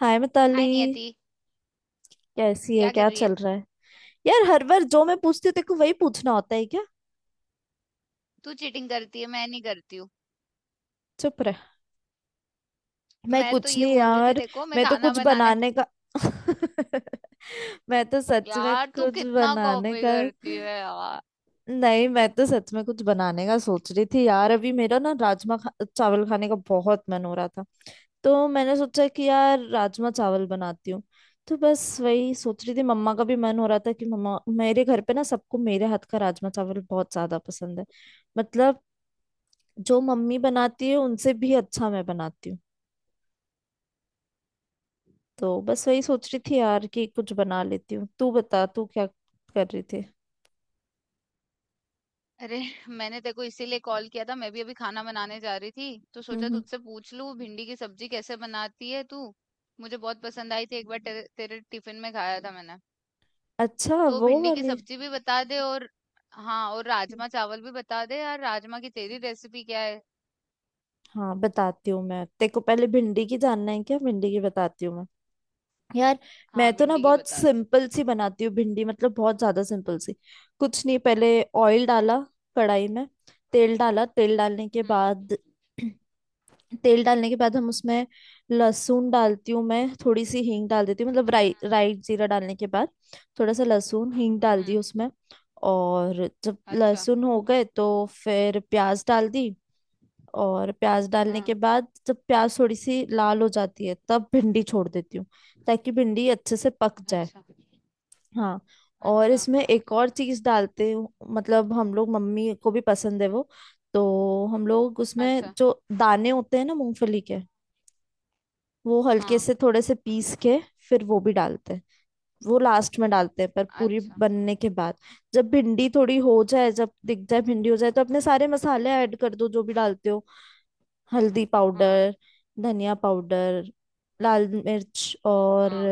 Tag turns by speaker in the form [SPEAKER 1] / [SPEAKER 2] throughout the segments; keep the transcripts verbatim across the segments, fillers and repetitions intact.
[SPEAKER 1] हाय Mitali.
[SPEAKER 2] Hi Niyati.
[SPEAKER 1] कैसी है?
[SPEAKER 2] क्या कर
[SPEAKER 1] क्या
[SPEAKER 2] रही है?
[SPEAKER 1] चल रहा है? यार हर बार जो मैं पूछती हूँ तेरे को वही पूछना होता है क्या?
[SPEAKER 2] तू चीटिंग करती है, मैं नहीं करती हूँ।
[SPEAKER 1] चुप रह। मैं
[SPEAKER 2] मैं तो
[SPEAKER 1] कुछ
[SPEAKER 2] ये
[SPEAKER 1] नहीं
[SPEAKER 2] बोल रही थी,
[SPEAKER 1] यार।
[SPEAKER 2] देखो मैं
[SPEAKER 1] मैं तो
[SPEAKER 2] खाना
[SPEAKER 1] कुछ
[SPEAKER 2] बनाने।
[SPEAKER 1] बनाने का। मैं तो सच में
[SPEAKER 2] यार तू
[SPEAKER 1] कुछ
[SPEAKER 2] कितना
[SPEAKER 1] बनाने
[SPEAKER 2] कॉपी
[SPEAKER 1] का।
[SPEAKER 2] करती है यार।
[SPEAKER 1] नहीं, मैं तो सच में कुछ बनाने का सोच रही थी यार। अभी मेरा ना राजमा खा, चावल खाने का बहुत मन हो रहा था। तो मैंने सोचा कि यार राजमा चावल बनाती हूँ। तो बस वही सोच रही थी। मम्मा का भी मन हो रहा था कि मम्मा। मेरे घर पे ना सबको मेरे हाथ का राजमा चावल बहुत ज्यादा पसंद है। मतलब जो मम्मी बनाती है उनसे भी अच्छा मैं बनाती हूँ। तो बस वही सोच रही थी यार कि कुछ बना लेती हूँ। तू बता तू क्या कर रही थी?
[SPEAKER 2] अरे, मैंने देखो इसीलिए कॉल किया था, मैं भी अभी खाना बनाने जा रही थी। तो
[SPEAKER 1] हम्म
[SPEAKER 2] सोचा
[SPEAKER 1] हम्म।
[SPEAKER 2] तुझसे पूछ लूँ भिंडी की सब्जी कैसे बनाती है तू। मुझे बहुत पसंद आई थी, एक बार तेरे, तेरे टिफिन में खाया था मैंने।
[SPEAKER 1] अच्छा।
[SPEAKER 2] तो
[SPEAKER 1] वो
[SPEAKER 2] भिंडी की
[SPEAKER 1] वाली।
[SPEAKER 2] सब्जी भी बता दे। और हाँ, और राजमा चावल भी बता दे यार, राजमा की तेरी रेसिपी क्या है?
[SPEAKER 1] हाँ बताती हूँ मैं तेरे को। पहले भिंडी की जानना है क्या? भिंडी की बताती हूँ मैं यार। मैं
[SPEAKER 2] हाँ,
[SPEAKER 1] तो ना
[SPEAKER 2] भिंडी की
[SPEAKER 1] बहुत
[SPEAKER 2] बता दे।
[SPEAKER 1] सिंपल सी बनाती हूँ भिंडी। मतलब बहुत ज्यादा सिंपल सी। कुछ नहीं, पहले ऑयल डाला कढ़ाई में। तेल डाला। तेल डालने के
[SPEAKER 2] हम्म
[SPEAKER 1] बाद तेल डालने के बाद हम उसमें लहसुन डालती हूँ। मैं थोड़ी सी हींग डाल देती हूँ। मतलब राई
[SPEAKER 2] हम्म
[SPEAKER 1] राई जीरा डालने के बाद थोड़ा सा लहसुन हींग डाल दी
[SPEAKER 2] हम्म।
[SPEAKER 1] उसमें। और जब
[SPEAKER 2] अच्छा।
[SPEAKER 1] लहसुन हो गए तो फिर प्याज डाल दी। और प्याज डालने के
[SPEAKER 2] हाँ।
[SPEAKER 1] बाद जब प्याज थोड़ी सी लाल हो जाती है तब भिंडी छोड़ देती हूँ, ताकि भिंडी अच्छे से पक जाए।
[SPEAKER 2] अच्छा।
[SPEAKER 1] हाँ, और
[SPEAKER 2] अच्छा।
[SPEAKER 1] इसमें एक और चीज डालते हूँ। मतलब हम लोग, मम्मी को भी पसंद है वो। तो हम लोग उसमें
[SPEAKER 2] अच्छा।
[SPEAKER 1] जो दाने होते हैं ना मूंगफली के, वो हल्के
[SPEAKER 2] हाँ।
[SPEAKER 1] से थोड़े से पीस के फिर वो भी डालते हैं। वो लास्ट में डालते हैं, पर पूरी
[SPEAKER 2] अच्छा।
[SPEAKER 1] बनने के बाद। जब भिंडी थोड़ी हो जाए, जब दिख जाए भिंडी हो जाए, तो अपने सारे मसाले ऐड कर दो जो भी डालते हो। हल्दी
[SPEAKER 2] हाँ।
[SPEAKER 1] पाउडर, धनिया पाउडर, लाल मिर्च और
[SPEAKER 2] हाँ।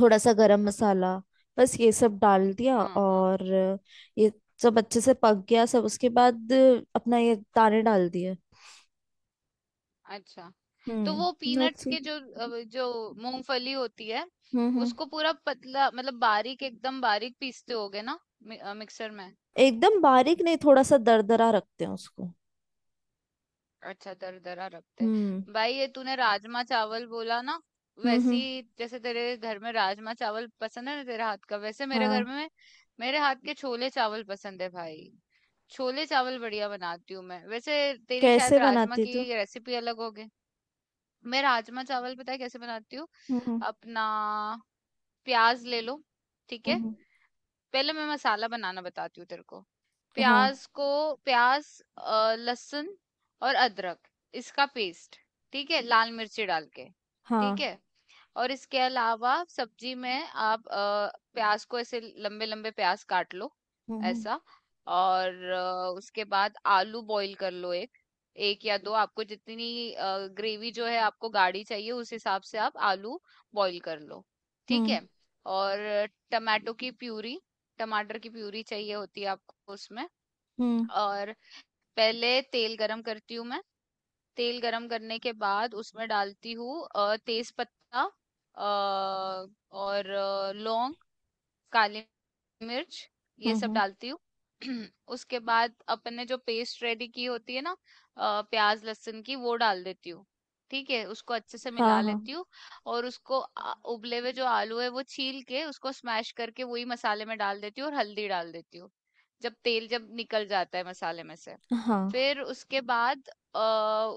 [SPEAKER 1] थोड़ा सा गरम मसाला। बस ये सब डाल दिया।
[SPEAKER 2] हाँ। हाँ।
[SPEAKER 1] और ये सब अच्छे से पक गया सब, उसके बाद अपना ये दाने डाल दिए।
[SPEAKER 2] अच्छा। तो वो
[SPEAKER 1] हम्म
[SPEAKER 2] पीनट्स
[SPEAKER 1] दैट्स इट।
[SPEAKER 2] के जो अ, जो मूंगफली होती है,
[SPEAKER 1] हम्म हम्म।
[SPEAKER 2] उसको पूरा पतला मतलब बारीक एकदम बारीक पीसते होगे ना मि, मिक्सर में।
[SPEAKER 1] एकदम बारीक नहीं, थोड़ा सा दरदरा रखते हैं उसको।
[SPEAKER 2] अच्छा, दरदरा रखते
[SPEAKER 1] हम्म
[SPEAKER 2] हैं भाई। ये तूने राजमा चावल बोला ना
[SPEAKER 1] हम्म।
[SPEAKER 2] वैसी,
[SPEAKER 1] हम्म,
[SPEAKER 2] जैसे तेरे घर में राजमा चावल पसंद है ना तेरे हाथ का, वैसे मेरे घर
[SPEAKER 1] हाँ।
[SPEAKER 2] में मेरे हाथ के छोले चावल पसंद है भाई। छोले चावल बढ़िया बनाती हूँ मैं, वैसे तेरी
[SPEAKER 1] कैसे
[SPEAKER 2] शायद राजमा
[SPEAKER 1] बनाती
[SPEAKER 2] की
[SPEAKER 1] तू?
[SPEAKER 2] रेसिपी अलग होगी। मैं राजमा चावल पता है कैसे बनाती हूँ।
[SPEAKER 1] हम्म हम्म।
[SPEAKER 2] अपना प्याज ले लो, ठीक है?
[SPEAKER 1] हम्म,
[SPEAKER 2] पहले मैं मसाला बनाना बताती हूँ तेरे को।
[SPEAKER 1] हाँ
[SPEAKER 2] प्याज को, प्याज, अ, लहसुन और अदरक, इसका पेस्ट, ठीक है, लाल मिर्ची डाल के, ठीक
[SPEAKER 1] हाँ।
[SPEAKER 2] है। और इसके अलावा सब्जी में आप अ, प्याज को ऐसे लंबे लंबे प्याज काट लो,
[SPEAKER 1] हम्म
[SPEAKER 2] ऐसा। और अ, उसके बाद आलू बॉईल कर लो, एक एक या दो, आपको जितनी ग्रेवी जो है आपको गाढ़ी चाहिए उस हिसाब से आप आलू बॉईल कर लो, ठीक
[SPEAKER 1] हम्म।
[SPEAKER 2] है। और टमाटो की प्यूरी टमाटर की प्यूरी चाहिए होती है आपको उसमें।
[SPEAKER 1] हम्म
[SPEAKER 2] और पहले तेल गरम करती हूँ मैं। तेल गरम करने के बाद उसमें डालती हूँ तेज पत्ता और अ, लौंग, काली मिर्च, ये
[SPEAKER 1] हम्म
[SPEAKER 2] सब
[SPEAKER 1] हम्म,
[SPEAKER 2] डालती हूँ। उसके बाद अपन ने जो पेस्ट रेडी की होती है ना, अ, प्याज लहसुन की, वो डाल देती हूँ, ठीक है। उसको अच्छे से
[SPEAKER 1] हाँ
[SPEAKER 2] मिला
[SPEAKER 1] हाँ।
[SPEAKER 2] लेती हूँ। और उसको आ- उबले हुए जो आलू है वो छील के उसको स्मैश करके वही मसाले में डाल देती हूँ और हल्दी डाल देती हूँ। जब तेल जब निकल जाता है मसाले में से,
[SPEAKER 1] हाँ।
[SPEAKER 2] फिर उसके बाद अ,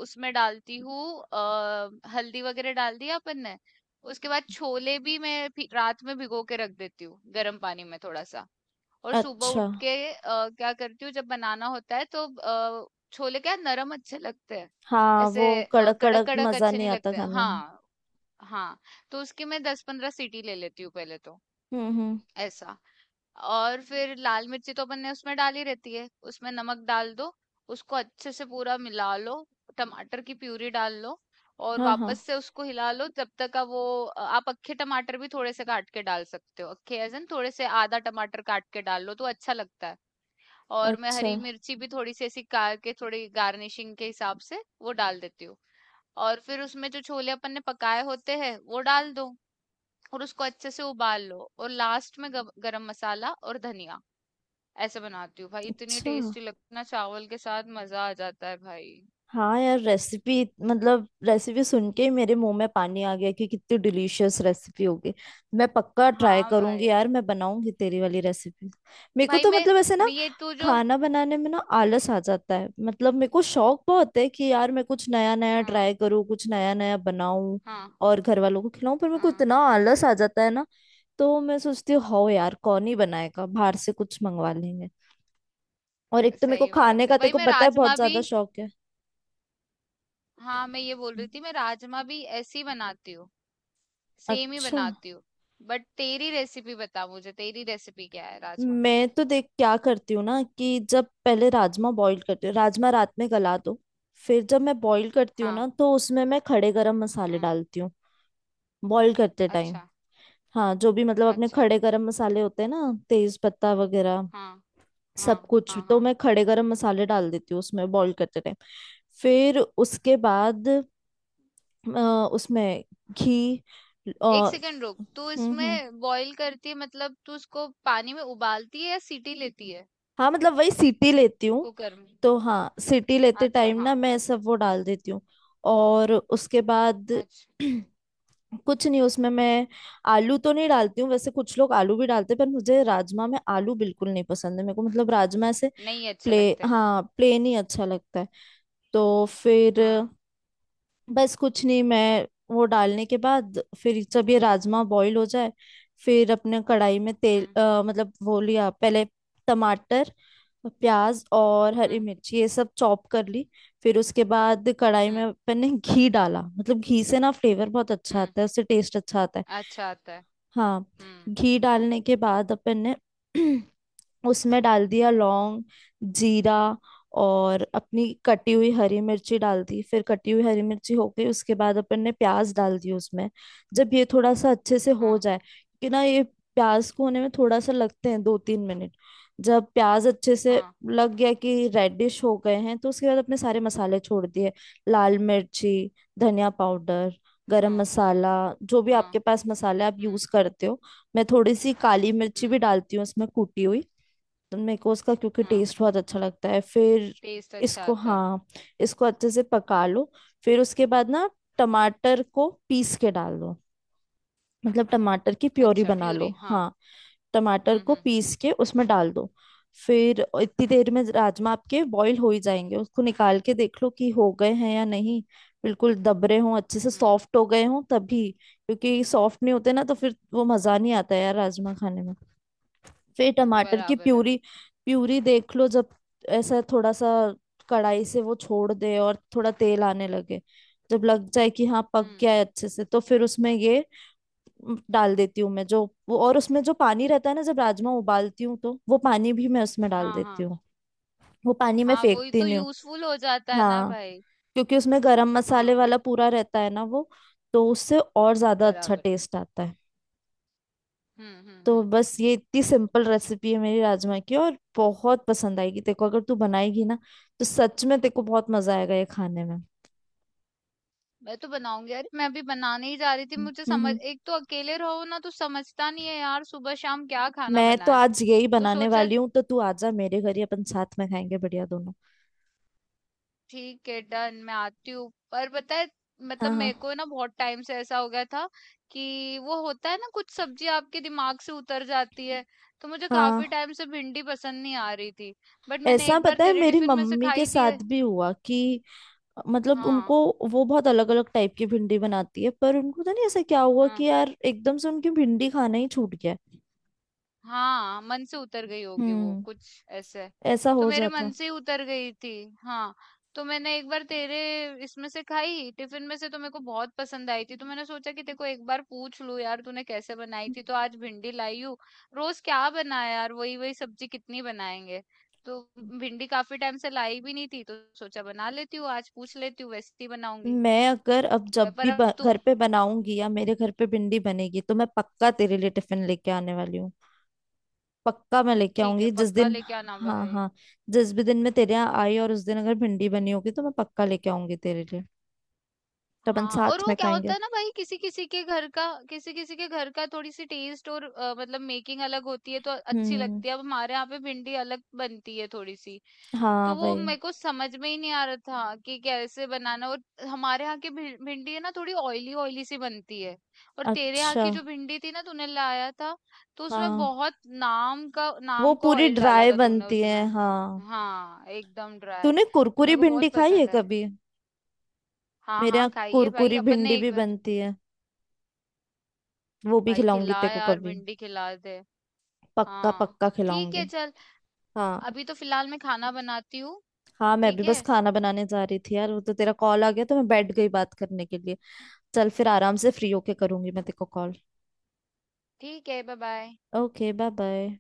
[SPEAKER 2] उसमें डालती हूँ अ, हल्दी वगैरह डाल दिया अपन ने। उसके बाद छोले भी मैं भी- रात में भिगो के रख देती हूँ गर्म पानी में थोड़ा सा। और सुबह
[SPEAKER 1] अच्छा।
[SPEAKER 2] उठ के अ, क्या करती हूँ जब बनाना होता है तो अ, छोले क्या नरम अच्छे लगते हैं।
[SPEAKER 1] हाँ। वो
[SPEAKER 2] ऐसे अ,
[SPEAKER 1] कड़क
[SPEAKER 2] कड़क
[SPEAKER 1] कड़क
[SPEAKER 2] कड़क
[SPEAKER 1] मजा
[SPEAKER 2] अच्छे
[SPEAKER 1] नहीं
[SPEAKER 2] नहीं
[SPEAKER 1] आता
[SPEAKER 2] लगते।
[SPEAKER 1] खाने में।
[SPEAKER 2] हाँ। हाँ, तो उसकी मैं दस पंद्रह सीटी ले लेती हूँ पहले तो,
[SPEAKER 1] हम्म हम्म।
[SPEAKER 2] ऐसा। और फिर लाल मिर्ची तो अपन ने उसमें डाली रहती है, उसमें नमक डाल दो। उसको अच्छे से पूरा मिला लो। टमाटर की प्यूरी डाल लो। और
[SPEAKER 1] हाँ
[SPEAKER 2] वापस
[SPEAKER 1] हाँ।
[SPEAKER 2] से उसको हिला लो जब तक का वो। अ, आप अक्खे टमाटर भी थोड़े से काट के डाल सकते हो, अक्खे एज इन थोड़े से आधा टमाटर काट के डाल लो तो अच्छा लगता है। और मैं
[SPEAKER 1] अच्छा।
[SPEAKER 2] हरी मिर्ची भी थोड़ी सी ऐसी काट के थोड़ी गार्निशिंग के हिसाब से वो डाल देती हूँ। और फिर उसमें जो छोले अपन ने पकाए होते हैं वो डाल दो। और उसको अच्छे से उबाल लो और लास्ट में गब- गरम मसाला और धनिया। ऐसे बनाती हूँ भाई, इतनी
[SPEAKER 1] अच्छा।
[SPEAKER 2] टेस्टी लगती ना चावल के साथ, मजा आ जाता है भाई।
[SPEAKER 1] हाँ यार, रेसिपी। मतलब रेसिपी सुन के ही मेरे मुंह में पानी आ गया कि कितनी डिलीशियस रेसिपी होगी। मैं पक्का ट्राई
[SPEAKER 2] हाँ
[SPEAKER 1] करूंगी
[SPEAKER 2] भाई।
[SPEAKER 1] यार। मैं बनाऊंगी तेरी वाली रेसिपी। मेरे को
[SPEAKER 2] भाई
[SPEAKER 1] तो
[SPEAKER 2] मैं
[SPEAKER 1] मतलब ऐसे ना,
[SPEAKER 2] मैं ये तू जो।
[SPEAKER 1] खाना बनाने में ना आलस आ जाता है। मतलब मेरे को शौक बहुत है कि यार मैं कुछ नया नया
[SPEAKER 2] हाँ
[SPEAKER 1] ट्राई करूँ, कुछ नया नया बनाऊं
[SPEAKER 2] हाँ
[SPEAKER 1] और घर वालों को खिलाऊं। पर मेरे को
[SPEAKER 2] हाँ।
[SPEAKER 1] इतना आलस आ जाता है ना, तो मैं सोचती हूँ हो यार कौन ही बनाएगा, बाहर से कुछ मंगवा लेंगे। और एक तो मेरे को
[SPEAKER 2] सही
[SPEAKER 1] खाने
[SPEAKER 2] बात है
[SPEAKER 1] का तेरे
[SPEAKER 2] भाई।
[SPEAKER 1] को
[SPEAKER 2] मैं
[SPEAKER 1] पता है बहुत
[SPEAKER 2] राजमा भी
[SPEAKER 1] ज्यादा शौक है।
[SPEAKER 2] हाँ, मैं ये बोल रही थी मैं राजमा भी ऐसे ही बनाती हूँ। सेम ही
[SPEAKER 1] अच्छा।
[SPEAKER 2] बनाती हूँ। बट तेरी रेसिपी बता, मुझे तेरी रेसिपी क्या है राजमा की?
[SPEAKER 1] मैं तो देख क्या करती हूँ ना कि जब पहले राजमा बॉईल करती हूँ, राजमा रात में गला दो। फिर जब मैं बॉईल करती हूँ ना,
[SPEAKER 2] हाँ
[SPEAKER 1] तो उसमें मैं खड़े गरम मसाले
[SPEAKER 2] हाँ।
[SPEAKER 1] डालती हूँ, बॉईल करते टाइम।
[SPEAKER 2] अच्छा।
[SPEAKER 1] हाँ, जो भी मतलब अपने
[SPEAKER 2] अच्छा
[SPEAKER 1] खड़े गरम मसाले होते हैं ना, तेज पत्ता वगैरह
[SPEAKER 2] हाँ।
[SPEAKER 1] सब
[SPEAKER 2] हाँ
[SPEAKER 1] कुछ,
[SPEAKER 2] हाँ
[SPEAKER 1] तो
[SPEAKER 2] हाँ
[SPEAKER 1] मैं खड़े गरम मसाले डाल देती हूँ उसमें बॉईल करते टाइम। फिर उसके बाद अ, उसमें घी
[SPEAKER 2] एक
[SPEAKER 1] और
[SPEAKER 2] सेकंड रुक, तू
[SPEAKER 1] हम्म हम्म।
[SPEAKER 2] इसमें बॉईल करती है मतलब? तू इसको पानी में उबालती है या सीटी लेती है?
[SPEAKER 1] हाँ, मतलब वही सीटी लेती हूँ।
[SPEAKER 2] कुकर में।
[SPEAKER 1] तो हाँ, सीटी लेते
[SPEAKER 2] अच्छा
[SPEAKER 1] टाइम
[SPEAKER 2] हाँ।
[SPEAKER 1] ना मैं सब वो डाल देती हूँ। और उसके बाद
[SPEAKER 2] अच्छा।
[SPEAKER 1] कुछ नहीं, उसमें मैं आलू तो नहीं डालती हूँ। वैसे कुछ लोग आलू भी डालते हैं, पर मुझे राजमा में आलू बिल्कुल नहीं पसंद है। मेरे को मतलब राजमा ऐसे
[SPEAKER 2] नहीं, अच्छे
[SPEAKER 1] प्ले
[SPEAKER 2] लगते हैं।
[SPEAKER 1] हाँ, प्लेन ही अच्छा लगता है। तो फिर
[SPEAKER 2] हाँ।
[SPEAKER 1] बस कुछ नहीं, मैं वो डालने के बाद फिर जब ये राजमा बॉईल हो जाए, फिर अपने कढ़ाई में तेल
[SPEAKER 2] हम्म
[SPEAKER 1] अ, मतलब वो लिया पहले। टमाटर, प्याज और हरी
[SPEAKER 2] हम्म
[SPEAKER 1] मिर्च ये सब चॉप कर ली। फिर उसके बाद कढ़ाई में
[SPEAKER 2] हम्म
[SPEAKER 1] अपन ने घी डाला। मतलब घी से ना फ्लेवर बहुत अच्छा
[SPEAKER 2] हम्म।
[SPEAKER 1] आता है, उससे टेस्ट अच्छा आता है।
[SPEAKER 2] अच्छा आता है।
[SPEAKER 1] हाँ।
[SPEAKER 2] हम्म।
[SPEAKER 1] घी डालने के बाद अपन ने उसमें डाल दिया लौंग, जीरा और अपनी कटी हुई हरी मिर्ची डाल दी। फिर कटी हुई हरी मिर्ची हो गई उसके बाद अपन ने प्याज डाल दी उसमें। जब ये थोड़ा सा अच्छे से हो
[SPEAKER 2] हाँ।
[SPEAKER 1] जाए, कि ना ये प्याज को होने में थोड़ा सा लगते हैं दो तीन मिनट। जब प्याज अच्छे से
[SPEAKER 2] हाँ
[SPEAKER 1] लग गया कि रेडिश हो गए हैं, तो उसके बाद अपने सारे मसाले छोड़ दिए। लाल मिर्ची, धनिया पाउडर, गरम
[SPEAKER 2] हाँ
[SPEAKER 1] मसाला, जो भी
[SPEAKER 2] हाँ।
[SPEAKER 1] आपके पास मसाले आप
[SPEAKER 2] हम्म
[SPEAKER 1] यूज करते हो। मैं थोड़ी सी काली मिर्ची
[SPEAKER 2] हम्म।
[SPEAKER 1] भी डालती हूँ उसमें कूटी हुई, तो मेरे को उसका क्योंकि
[SPEAKER 2] हाँ,
[SPEAKER 1] टेस्ट बहुत अच्छा लगता है फिर।
[SPEAKER 2] टेस्ट अच्छा
[SPEAKER 1] इसको
[SPEAKER 2] आता है।
[SPEAKER 1] हाँ, इसको अच्छे से पका लो। फिर उसके बाद ना टमाटर को पीस के डाल दो। मतलब टमाटर की प्योरी
[SPEAKER 2] अच्छा,
[SPEAKER 1] बना लो
[SPEAKER 2] प्यूरी, हाँ।
[SPEAKER 1] हाँ। टमाटर
[SPEAKER 2] हम्म
[SPEAKER 1] को
[SPEAKER 2] हम्म
[SPEAKER 1] पीस के उसमें डाल दो। फिर इतनी देर में राजमा आपके बॉईल हो ही जाएंगे। उसको निकाल के देख लो कि हो गए हैं या नहीं, बिल्कुल दब रहे हों, अच्छे से
[SPEAKER 2] हम्म।
[SPEAKER 1] सॉफ्ट हो गए हों तभी, क्योंकि सॉफ्ट नहीं होते ना तो फिर वो मज़ा नहीं आता यार राजमा खाने में। फिर टमाटर की
[SPEAKER 2] बराबर है।
[SPEAKER 1] प्यूरी, प्यूरी देख लो जब, ऐसा थोड़ा सा कढ़ाई से वो छोड़ दे और थोड़ा तेल आने लगे, जब लग जाए कि हाँ पक
[SPEAKER 2] हम्म।
[SPEAKER 1] गया है अच्छे से, तो फिर उसमें ये म, डाल देती हूँ मैं जो वो। और उसमें जो पानी रहता है ना, जब राजमा उबालती हूँ तो वो पानी भी मैं उसमें डाल
[SPEAKER 2] हाँ
[SPEAKER 1] देती
[SPEAKER 2] हाँ।
[SPEAKER 1] हूँ। वो पानी मैं
[SPEAKER 2] हाँ, वही
[SPEAKER 1] फेंकती
[SPEAKER 2] तो
[SPEAKER 1] नहीं हूँ।
[SPEAKER 2] यूजफुल हो जाता है ना
[SPEAKER 1] हाँ,
[SPEAKER 2] भाई।
[SPEAKER 1] क्योंकि उसमें गरम मसाले
[SPEAKER 2] हाँ।
[SPEAKER 1] वाला पूरा रहता है ना वो, तो उससे और ज्यादा अच्छा
[SPEAKER 2] बराबर है।
[SPEAKER 1] टेस्ट आता है।
[SPEAKER 2] हम्म हम्म
[SPEAKER 1] तो
[SPEAKER 2] हम्म।
[SPEAKER 1] बस ये इतनी सिंपल रेसिपी है मेरी राजमा की। और बहुत पसंद आएगी तेरे को, अगर तू बनाएगी ना, तो सच में तेरे को बहुत मजा आएगा ये खाने में।
[SPEAKER 2] मैं तो बनाऊंगी यार, मैं अभी बनाने ही जा रही थी।
[SPEAKER 1] हम्म
[SPEAKER 2] मुझे समझ,
[SPEAKER 1] हम्म।
[SPEAKER 2] एक तो अकेले रहो ना तो समझता नहीं है यार, सुबह शाम क्या खाना
[SPEAKER 1] मैं तो
[SPEAKER 2] बनाए।
[SPEAKER 1] आज यही
[SPEAKER 2] तो
[SPEAKER 1] बनाने
[SPEAKER 2] सोचा।
[SPEAKER 1] वाली हूँ, तो तू आजा मेरे घर ही, अपन साथ में खाएंगे बढ़िया दोनों।
[SPEAKER 2] ठीक है डन, मैं आती हूँ। पर पता है मतलब
[SPEAKER 1] हाँ
[SPEAKER 2] मेरे
[SPEAKER 1] हाँ।
[SPEAKER 2] को ना बहुत टाइम से ऐसा हो गया था कि वो होता है ना कुछ सब्जी आपके दिमाग से उतर जाती है। तो मुझे काफी
[SPEAKER 1] हाँ।
[SPEAKER 2] टाइम से भिंडी पसंद नहीं आ रही थी। बट मैंने
[SPEAKER 1] ऐसा
[SPEAKER 2] एक बार
[SPEAKER 1] पता है
[SPEAKER 2] तेरे
[SPEAKER 1] मेरी
[SPEAKER 2] टिफिन में से
[SPEAKER 1] मम्मी के
[SPEAKER 2] खाई थी।
[SPEAKER 1] साथ भी हुआ कि मतलब
[SPEAKER 2] हाँ
[SPEAKER 1] उनको, वो बहुत अलग अलग टाइप की भिंडी बनाती है, पर उनको तो नहीं, ऐसा क्या हुआ कि
[SPEAKER 2] हाँ।
[SPEAKER 1] यार एकदम से उनकी भिंडी खाना ही छूट गया।
[SPEAKER 2] हाँ, मन से उतर गई होगी वो
[SPEAKER 1] हम्म।
[SPEAKER 2] कुछ ऐसे।
[SPEAKER 1] ऐसा
[SPEAKER 2] तो
[SPEAKER 1] हो
[SPEAKER 2] मेरे
[SPEAKER 1] जाता
[SPEAKER 2] मन से ही उतर गई थी। हाँ, तो मैंने एक बार तेरे इसमें से खाई, टिफ़िन में से, तो मेरे को बहुत पसंद आई थी। तो मैंने सोचा कि तेरे को एक बार पूछ लूँ यार तूने कैसे बनाई थी। तो आज भिंडी लाई हूँ। रोज़ क्या बनाया यार, वही-वही सब्जी कितनी बनाएँगे। तो
[SPEAKER 1] है।
[SPEAKER 2] भिंडी काफ़ी टाइम से लाई भी नहीं थी तो सोचा बना लेती हूँ आज, पूछ लेती हूँ वैसे ही बनाऊँगी।
[SPEAKER 1] मैं अगर अब
[SPEAKER 2] व
[SPEAKER 1] जब
[SPEAKER 2] पर
[SPEAKER 1] भी
[SPEAKER 2] अब
[SPEAKER 1] ब-
[SPEAKER 2] तू।
[SPEAKER 1] घर पे बनाऊंगी या मेरे घर पे भिंडी बनेगी, तो मैं पक्का तेरे लिए टिफिन लेके आने वाली हूँ। पक्का मैं लेके
[SPEAKER 2] ठीक है,
[SPEAKER 1] आऊंगी जिस
[SPEAKER 2] पक्का
[SPEAKER 1] दिन।
[SPEAKER 2] लेके आना
[SPEAKER 1] हाँ
[SPEAKER 2] भाई।
[SPEAKER 1] हाँ। जिस भी दिन मैं तेरे यहाँ आई और उस दिन अगर भिंडी बनी होगी, तो मैं पक्का लेके आऊंगी तेरे लिए, तो अपन
[SPEAKER 2] हाँ, और
[SPEAKER 1] साथ
[SPEAKER 2] वो
[SPEAKER 1] में
[SPEAKER 2] क्या होता
[SPEAKER 1] खाएंगे।
[SPEAKER 2] है ना भाई, किसी-किसी के घर का किसी-किसी के घर का थोड़ी-सी टेस्ट और अ, मतलब मेकिंग अलग होती है तो अच्छी
[SPEAKER 1] हम्म।
[SPEAKER 2] लगती है। अब हमारे यहाँ पे भिंडी अलग बनती है थोड़ी-सी। तो
[SPEAKER 1] हाँ
[SPEAKER 2] वो
[SPEAKER 1] भाई।
[SPEAKER 2] मेरे को समझ में ही नहीं आ रहा था कि कैसे बनाना। और हमारे यहाँ की भि भिंडी है ना थोड़ी ऑयली ऑयली सी बनती है। और तेरे यहाँ
[SPEAKER 1] अच्छा।
[SPEAKER 2] की जो भिंडी थी ना तूने लाया था, तो उसमें
[SPEAKER 1] हाँ।
[SPEAKER 2] बहुत नाम का
[SPEAKER 1] वो
[SPEAKER 2] नाम का
[SPEAKER 1] पूरी
[SPEAKER 2] ऑयल डाला
[SPEAKER 1] ड्राई
[SPEAKER 2] था तूने
[SPEAKER 1] बनती है
[SPEAKER 2] उसमें।
[SPEAKER 1] हाँ।
[SPEAKER 2] हाँ, एकदम ड्राई,
[SPEAKER 1] तूने
[SPEAKER 2] तो
[SPEAKER 1] कुरकुरी
[SPEAKER 2] मेरे को
[SPEAKER 1] भिंडी
[SPEAKER 2] बहुत
[SPEAKER 1] खाई है
[SPEAKER 2] पसंद है।
[SPEAKER 1] कभी?
[SPEAKER 2] हाँ,
[SPEAKER 1] मेरे
[SPEAKER 2] हाँ,
[SPEAKER 1] यहाँ
[SPEAKER 2] खाइए भाई
[SPEAKER 1] कुरकुरी
[SPEAKER 2] अपन
[SPEAKER 1] भिंडी
[SPEAKER 2] ने
[SPEAKER 1] भी
[SPEAKER 2] एक।
[SPEAKER 1] बनती है, वो भी
[SPEAKER 2] भाई
[SPEAKER 1] खिलाऊंगी
[SPEAKER 2] खिला,
[SPEAKER 1] तेरे को
[SPEAKER 2] यार
[SPEAKER 1] कभी।
[SPEAKER 2] भिंडी खिला दे।
[SPEAKER 1] पक्का
[SPEAKER 2] हाँ,
[SPEAKER 1] पक्का
[SPEAKER 2] ठीक है
[SPEAKER 1] खिलाऊंगी।
[SPEAKER 2] चल।
[SPEAKER 1] हाँ।
[SPEAKER 2] अभी तो फिलहाल मैं खाना बनाती हूँ।
[SPEAKER 1] हाँ, मैं भी
[SPEAKER 2] ठीक
[SPEAKER 1] बस
[SPEAKER 2] है।
[SPEAKER 1] खाना बनाने जा रही थी यार। वो तो तेरा कॉल आ गया तो मैं बैठ गई बात करने के लिए। चल फिर, आराम से फ्री होके करूंगी मैं तेरे को कॉल।
[SPEAKER 2] ठीक है, bye bye.
[SPEAKER 1] Okay, bye bye.